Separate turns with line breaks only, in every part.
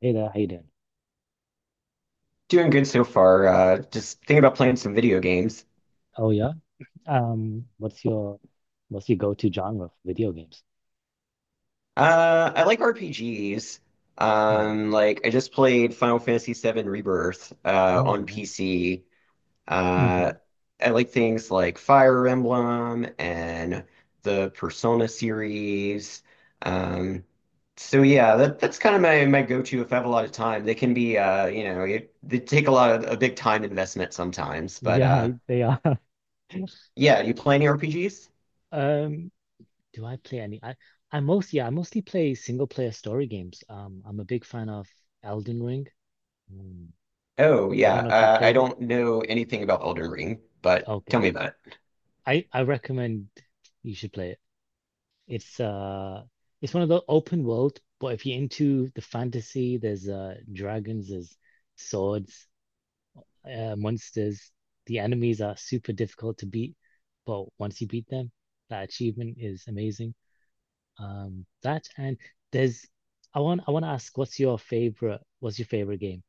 Hey there, how you doing?
Doing good so far. Just thinking about playing some video games.
Oh yeah. Um, what's your what's your go-to genre for video games?
I like RPGs.
Mm.
Like I just played Final Fantasy VII Rebirth
Oh,
on
nice.
PC. Uh,
Hmm.
I like things like Fire Emblem and the Persona series. Um, so yeah, that's kind of my go-to if I have a lot of time. They can be they take a lot of a big time investment sometimes. But
Yeah, they are.
Yeah, you play any RPGs?
Um, do I play any? I mostly, yeah, I mostly play single player story games. I'm a big fan of Elden Ring. Mm.
Oh
I
yeah,
don't know if you've
I
played it.
don't know anything about Elden Ring, but tell
Okay.
me about it.
I recommend you should play it. It's it's one of the open world, but if you're into the fantasy, there's dragons, there's swords, monsters, the enemies are super difficult to beat, but once you beat them, that achievement is amazing. That and there's, I want to ask, what's your favorite? What's your favorite game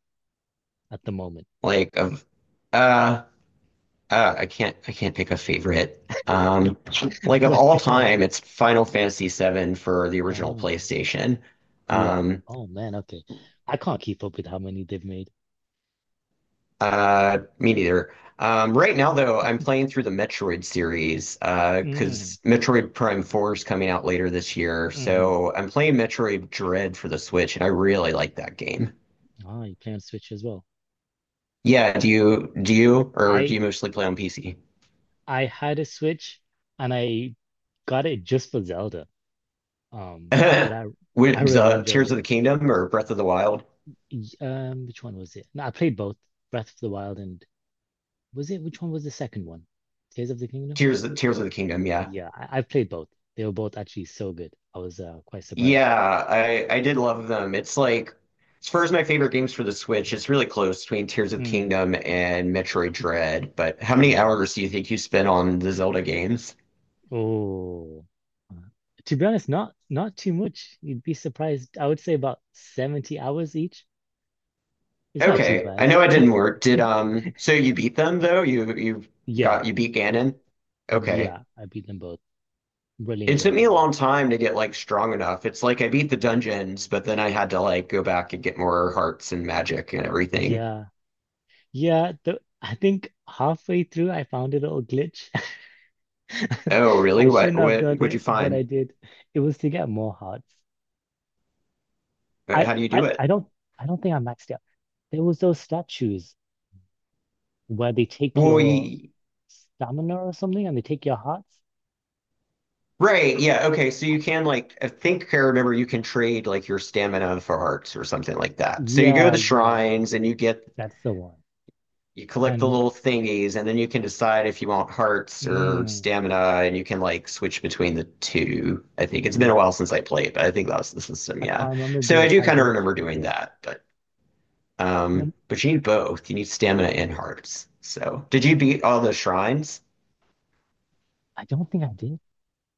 at the moment?
Like of, uh, I can't pick a favorite. Um, like of
That
all
the
time,
anime.
it's Final Fantasy VII for the original
Ah,
PlayStation.
yeah.
Um,
Oh man, okay. I can't keep up with how many they've made.
Me neither. Right now though, I'm playing through the Metroid series,
Mm,
because Metroid Prime 4 is coming out later this year.
hmm
So I'm playing Metroid Dread for the Switch, and I really like that game.
Ah, you play on Switch as well.
Yeah, do you or do
I
you mostly play on PC?
I had a Switch and I got it just for Zelda. But I I
With
really
the
enjoyed
Tears of
it.
the Kingdom or Breath of the Wild?
Um, which one was it? No, I played both Breath of the Wild and was it which one was the second one? Tears of the Kingdom?
Tears of the Kingdom, yeah.
Yeah, I've played both. They were both actually so good. I was quite surprised.
Yeah, I did love them. It's like as far as my favorite games for the Switch,
Mm.
it's really close between Tears of the
Mm,
Kingdom and Metroid Dread. But how many
mm.
hours do you think you spent on the Zelda games?
Oh. Uh, to be honest, not too much. You'd be surprised. I would say about 70 hours each. It's not too
Okay, I
bad.
know I didn't work. Did so you beat them though? You
Yeah,
got you beat Ganon? Okay.
yeah, I beat them both. Really
It took
enjoyed
me
it
a
though.
long time to get like strong enough. It's like I beat the
Mm.
dungeons, but then I had to like go back and get more hearts and magic and everything.
Yeah, yeah. The, I think halfway through, I found a little glitch.
Oh, really?
I
What
shouldn't have
what
done
would you
it, but
find?
I did. It was to get more hearts. I,
How do you
I,
do it?
I don't I don't think I maxed out. There was those statues where they take your
Boy.
stamina or something and they take your hearts.
Right, yeah, okay. So
I,
you can like, I think I remember, you can trade like your stamina for hearts or something like that. So you go to
yeah,
the
yeah,
shrines and you get,
that's the one.
you collect the
And
little thingies, and then you can decide if you want hearts or
mm,
stamina, and you can like switch between the two. I think it's been a
yeah,
while since I played, but I think that was the system.
I
Yeah.
can't remember
So
the
I do
entire
kind of
glitch,
remember
but
doing
yeah.
that,
Then
but you need both. You need stamina and hearts. So did you beat all the shrines?
I don't think I did.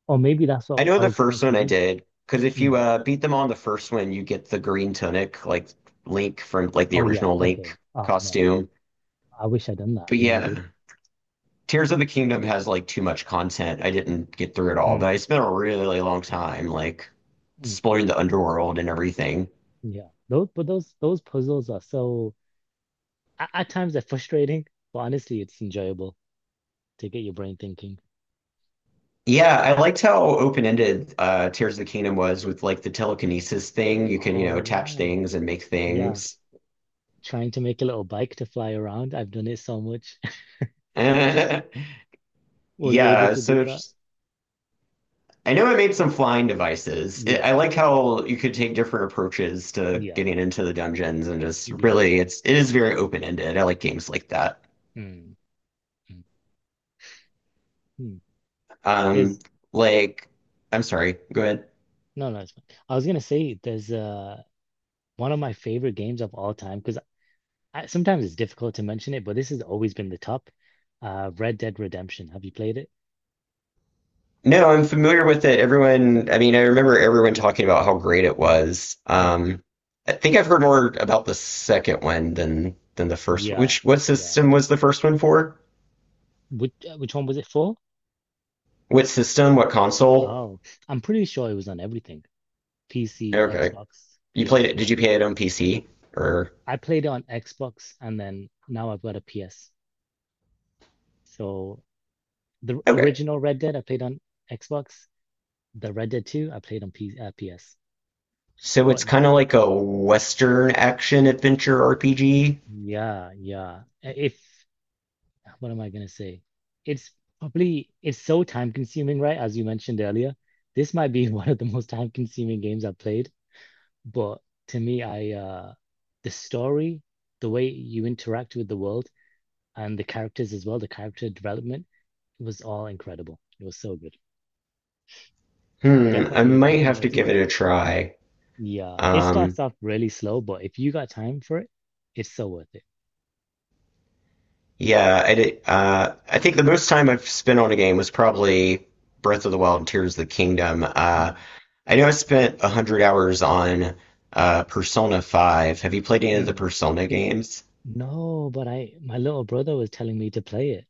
Or maybe that's
I
what
know
I
the
was trying
first
to
one I
do.
did, because if you
Mm.
beat them on the first one, you get the green tunic, like Link from like the
Oh yeah,
original
okay.
Link
Oh man.
costume.
I wish I'd done that.
But
I never
yeah.
did.
Tears of the Kingdom has like too much content. I didn't get through it all, but
Mm,
I spent a really long time like
mm.
exploring the underworld and everything.
Yeah, those but those puzzles are so at times they're frustrating, but honestly, it's enjoyable to get your brain thinking.
Yeah, I liked how open-ended Tears of the Kingdom was with like the telekinesis thing. You can, you
Oh
know, attach
yeah,
things and make
yeah.
things.
Trying to make a little bike to fly around. I've done it so much. Were you able
Yeah,
to do
so
that?
I know I made some flying devices.
Yeah,
I like how you could take different approaches to
yeah,
getting
yeah,
into the dungeons and just
yeah.
really it is very open-ended. I like games like that.
Mm, mm, mm.
Um,
There's
like, I'm sorry, go ahead.
No, no. It's fine. I was gonna say there's one of my favorite games of all time because I, sometimes it's difficult to mention it, but this has always been the top. Red Dead Redemption. Have you played it?
No, I'm familiar with it. Everyone, I mean, I remember everyone talking about how great it
Mm,
was.
mm.
I think I've heard more about the second one than the first one.
Yeah,
Which what
yeah.
system was the first one for?
Which one was it for?
What system? What console?
Oh, I'm pretty sure it was on everything. PC,
Okay.
Xbox,
You played
PS.
it, did you play it on PC or
I played it on Xbox and then now I've got a PS. So the
okay.
original Red Dead I played on Xbox, the Red Dead 2 I played on P PS.
So it's
But
kind of like a Western action adventure RPG.
yeah, yeah. If what am I gonna say? It's Probably it's so time consuming, right? As you mentioned earlier. This might be one of the most time consuming games I've played. But To me, I the story, the way you interact with the world and the characters as well, the character development, it was all incredible. It was so good.
Hmm, I
Definitely,
might
if you
have
got
to give it
time.
a try.
Yeah, it
Um,
starts off really slow, but if you got time for it, it's so worth it.
Yeah, I did, I think the most time I've spent on a game was probably Breath of the Wild and Tears of the Kingdom. Uh,
Mm,
I know I spent 100 hours on Persona 5. Have you played any of the
mm.
Persona games?
No, but I my little brother was telling me to play it.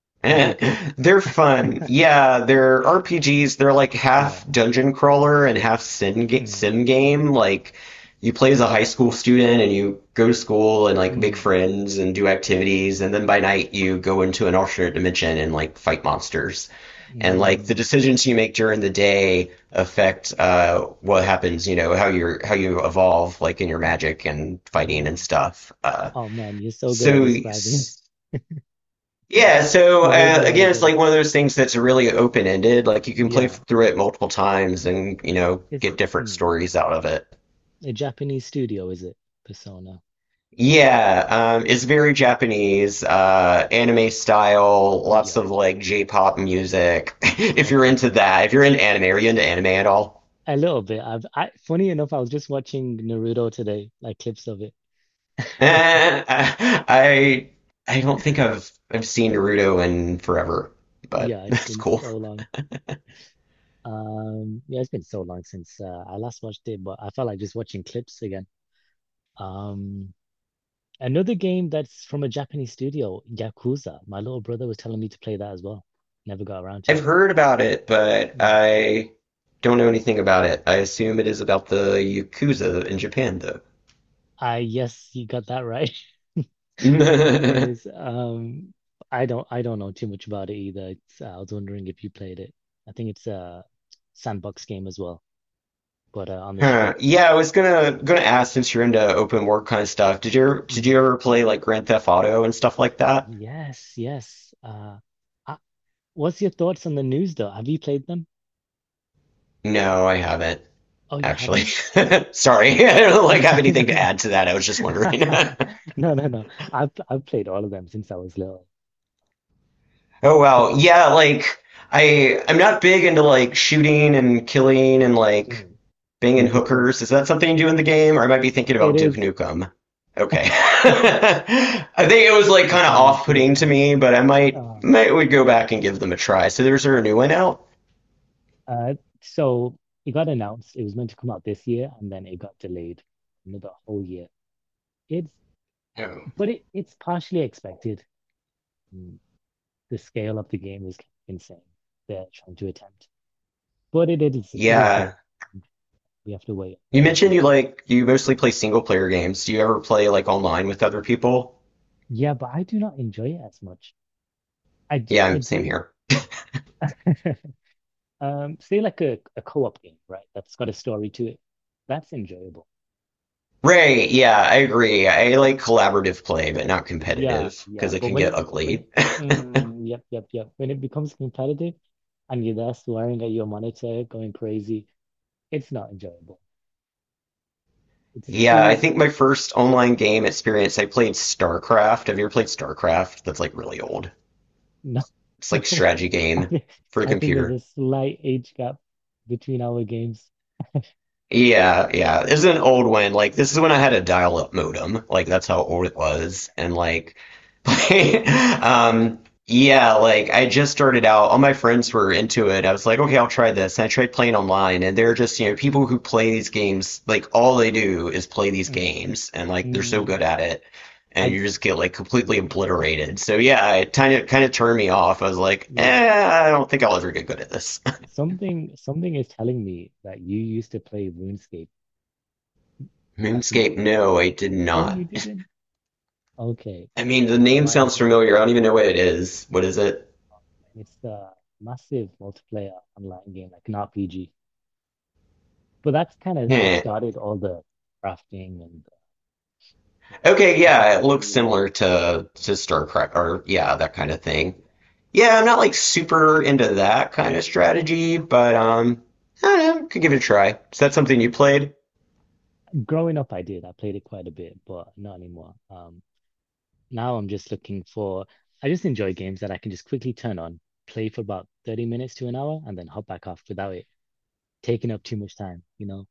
Is it good?
They're fun. Yeah, they're RPGs. They're like
Yeah.
half dungeon crawler and half
Mm,
sim game. Like, you play as a high school student and you go to school and like make
mm,
friends and do activities. And then by night, you go into an alternate dimension and like fight monsters. And like the
mm.
decisions you make during the day affect what happens, you know, how you evolve, like in your magic and fighting and
Oh,
stuff. Uh,
oh man, you're so good at
so
describing.
yeah, so
You made me want to
again, it's
get
like
it.
one of those things that's really open-ended. Like you can play
Yeah,
through it multiple times and, you know,
it's
get different
mm.
stories out of it.
A Japanese studio, is it? Persona.
Yeah, it's
Mm.
very Japanese, anime style, lots
Yeah.
of like J-pop music. If you're
Okay.
into
Yeah.
that, if you're into anime, are you into anime at all?
A little bit. I funny enough, I was just watching Naruto today, like clips of it.
Eh, I I don't think I've seen Naruto in forever, but
Yeah, it's
that's
been
cool.
so long. Yeah, it's been so long since I last watched it, but I felt like just watching clips again. Um, another game that's from a Japanese studio, Yakuza. My little brother was telling me to play that as well. Never got around to
I've
it.
heard about it, but
Mm.
I don't know anything about it. I assume it is about the Yakuza in Japan,
I yes, you got that right. It
though.
is. I don't. I don't know too much about it either. It's, I was wondering if you played it. I think it's a sandbox game as well, but on the
Huh.
streets.
Yeah, I was gonna ask since you're into open world kind of stuff. Did you did
Mm,
you ever play like Grand Theft Auto and stuff like that?
yes, yes. Uh, what's your thoughts on the news though? Have you played them?
No, I haven't
Oh, you
actually.
haven't?
Sorry, I don't like have
No,
anything to
no,
add to that. I was just wondering.
no, no. no. I've played all of them since I was little.
Oh wow,
From
yeah, like I'm not big into like shooting and killing and like
mm,
banging
you prefer.
hookers. Is that something you do in the game? Or I might be thinking
It
about Duke
is.
Nukem. Okay. I think it was like
Take
kind of
them into your
off-putting to
car.
me, but I
Uh,
might would go back and give them a try. So there's a new one out?
Uh, so it got announced. It was meant to come out this year, and then it got delayed another whole year. It's
Oh.
but it it's partially expected. Mm. The scale of the game is insane. They're trying to attempt, but it is just
Yeah.
we have to wait
You
another.
mentioned you mostly play single player games. Do you ever play like online with other people?
Yeah, but I do not enjoy it as much. I do I
Yeah, same
do
here.
um, say like a co-op game, right? That's got a story to it. That's enjoyable.
Ray, yeah, I agree. I like collaborative play, but not
Yeah,
competitive
yeah.
because it
But
can get
when
ugly.
it, mm, yep, yep, yep. When it becomes competitive and you're there swearing at your monitor, going crazy, it's not enjoyable. It's
Yeah, I
too
think my first online game experience, I played StarCraft. Have you ever played StarCraft? That's like really old.
no,
It's like
no.
strategy
I
game
think
for the
I think there's a
computer.
slight age gap between our games.
Yeah, yeah. This is
And
an old one. Like this is when I had a dial-up modem. Like that's how old it
oh,
was.
damn,
And like,
yeah.
um, yeah. Like I just started out. All my friends were into it. I was like, okay, I'll try this. And I tried playing
Mm,
online, and they're just, you know, people who play these games. Like all they do is play these
mm,
games, and like they're so
mm.
good at it, and
I
you just get like completely obliterated. So yeah, it kind of turned me off. I was like,
yeah.
eh, I don't think I'll ever get good at this.
Something is telling me that you used to play RuneScape back in the
Moonscape?
day.
No, I did
Oh, you
not.
didn't? Okay.
I mean,
I
the
don't know
name
why I was
sounds
getting
familiar. I
that.
don't even know what it is. What is it?
And it's a massive multiplayer online game, like an RPG. But that's kind of what
Heh.
started all the crafting and all the
Okay, yeah,
tactical
it looks
simulation.
similar to StarCraft or yeah, that kind of thing.
Yeah.
Yeah, I'm not like super into that kind of strategy, but I don't know, could give it a try. Is that something you played?
Growing up, I did. I played it quite a bit, but not anymore. Now I'm just looking for, I just enjoy games that I can just quickly turn on, play for about 30 minutes to an hour, and then hop back off without it taking up too much time, you know?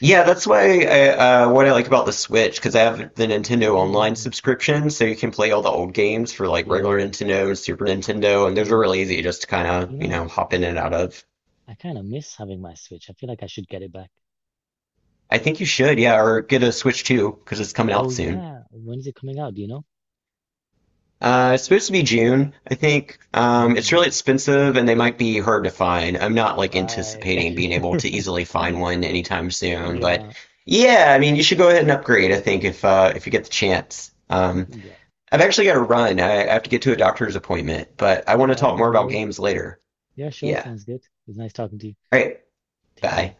Yeah, that's why I, what I like about the Switch because I have the Nintendo
Oh, yeah,
Online
yeah,
subscription, so you can play all the old games for like regular
yeah.
Nintendo and Super Nintendo, and those are
Mm.
really easy just to kind of,
You
you know,
know,
hop in and out of.
I kind of miss having my Switch. I feel like I should get it back.
I think you should, yeah, or get a Switch 2 because it's coming out
Oh
soon.
yeah, when is it coming out? Do you know?
It's supposed to be June, I think. It's really
Mm,
expensive and they might be hard to find. I'm not like
right.
anticipating being able to easily find one anytime soon, but
Yeah,
yeah, I mean, you should go ahead and upgrade, I think, if you get the chance.
yeah.
I've actually got to run. I have to get to a doctor's appointment, but I
All
want to
right,
talk more
no
about
worries.
games later.
Yeah, sure,
Yeah.
sounds good. It's nice talking to you.
All right.
Take
Bye.
care.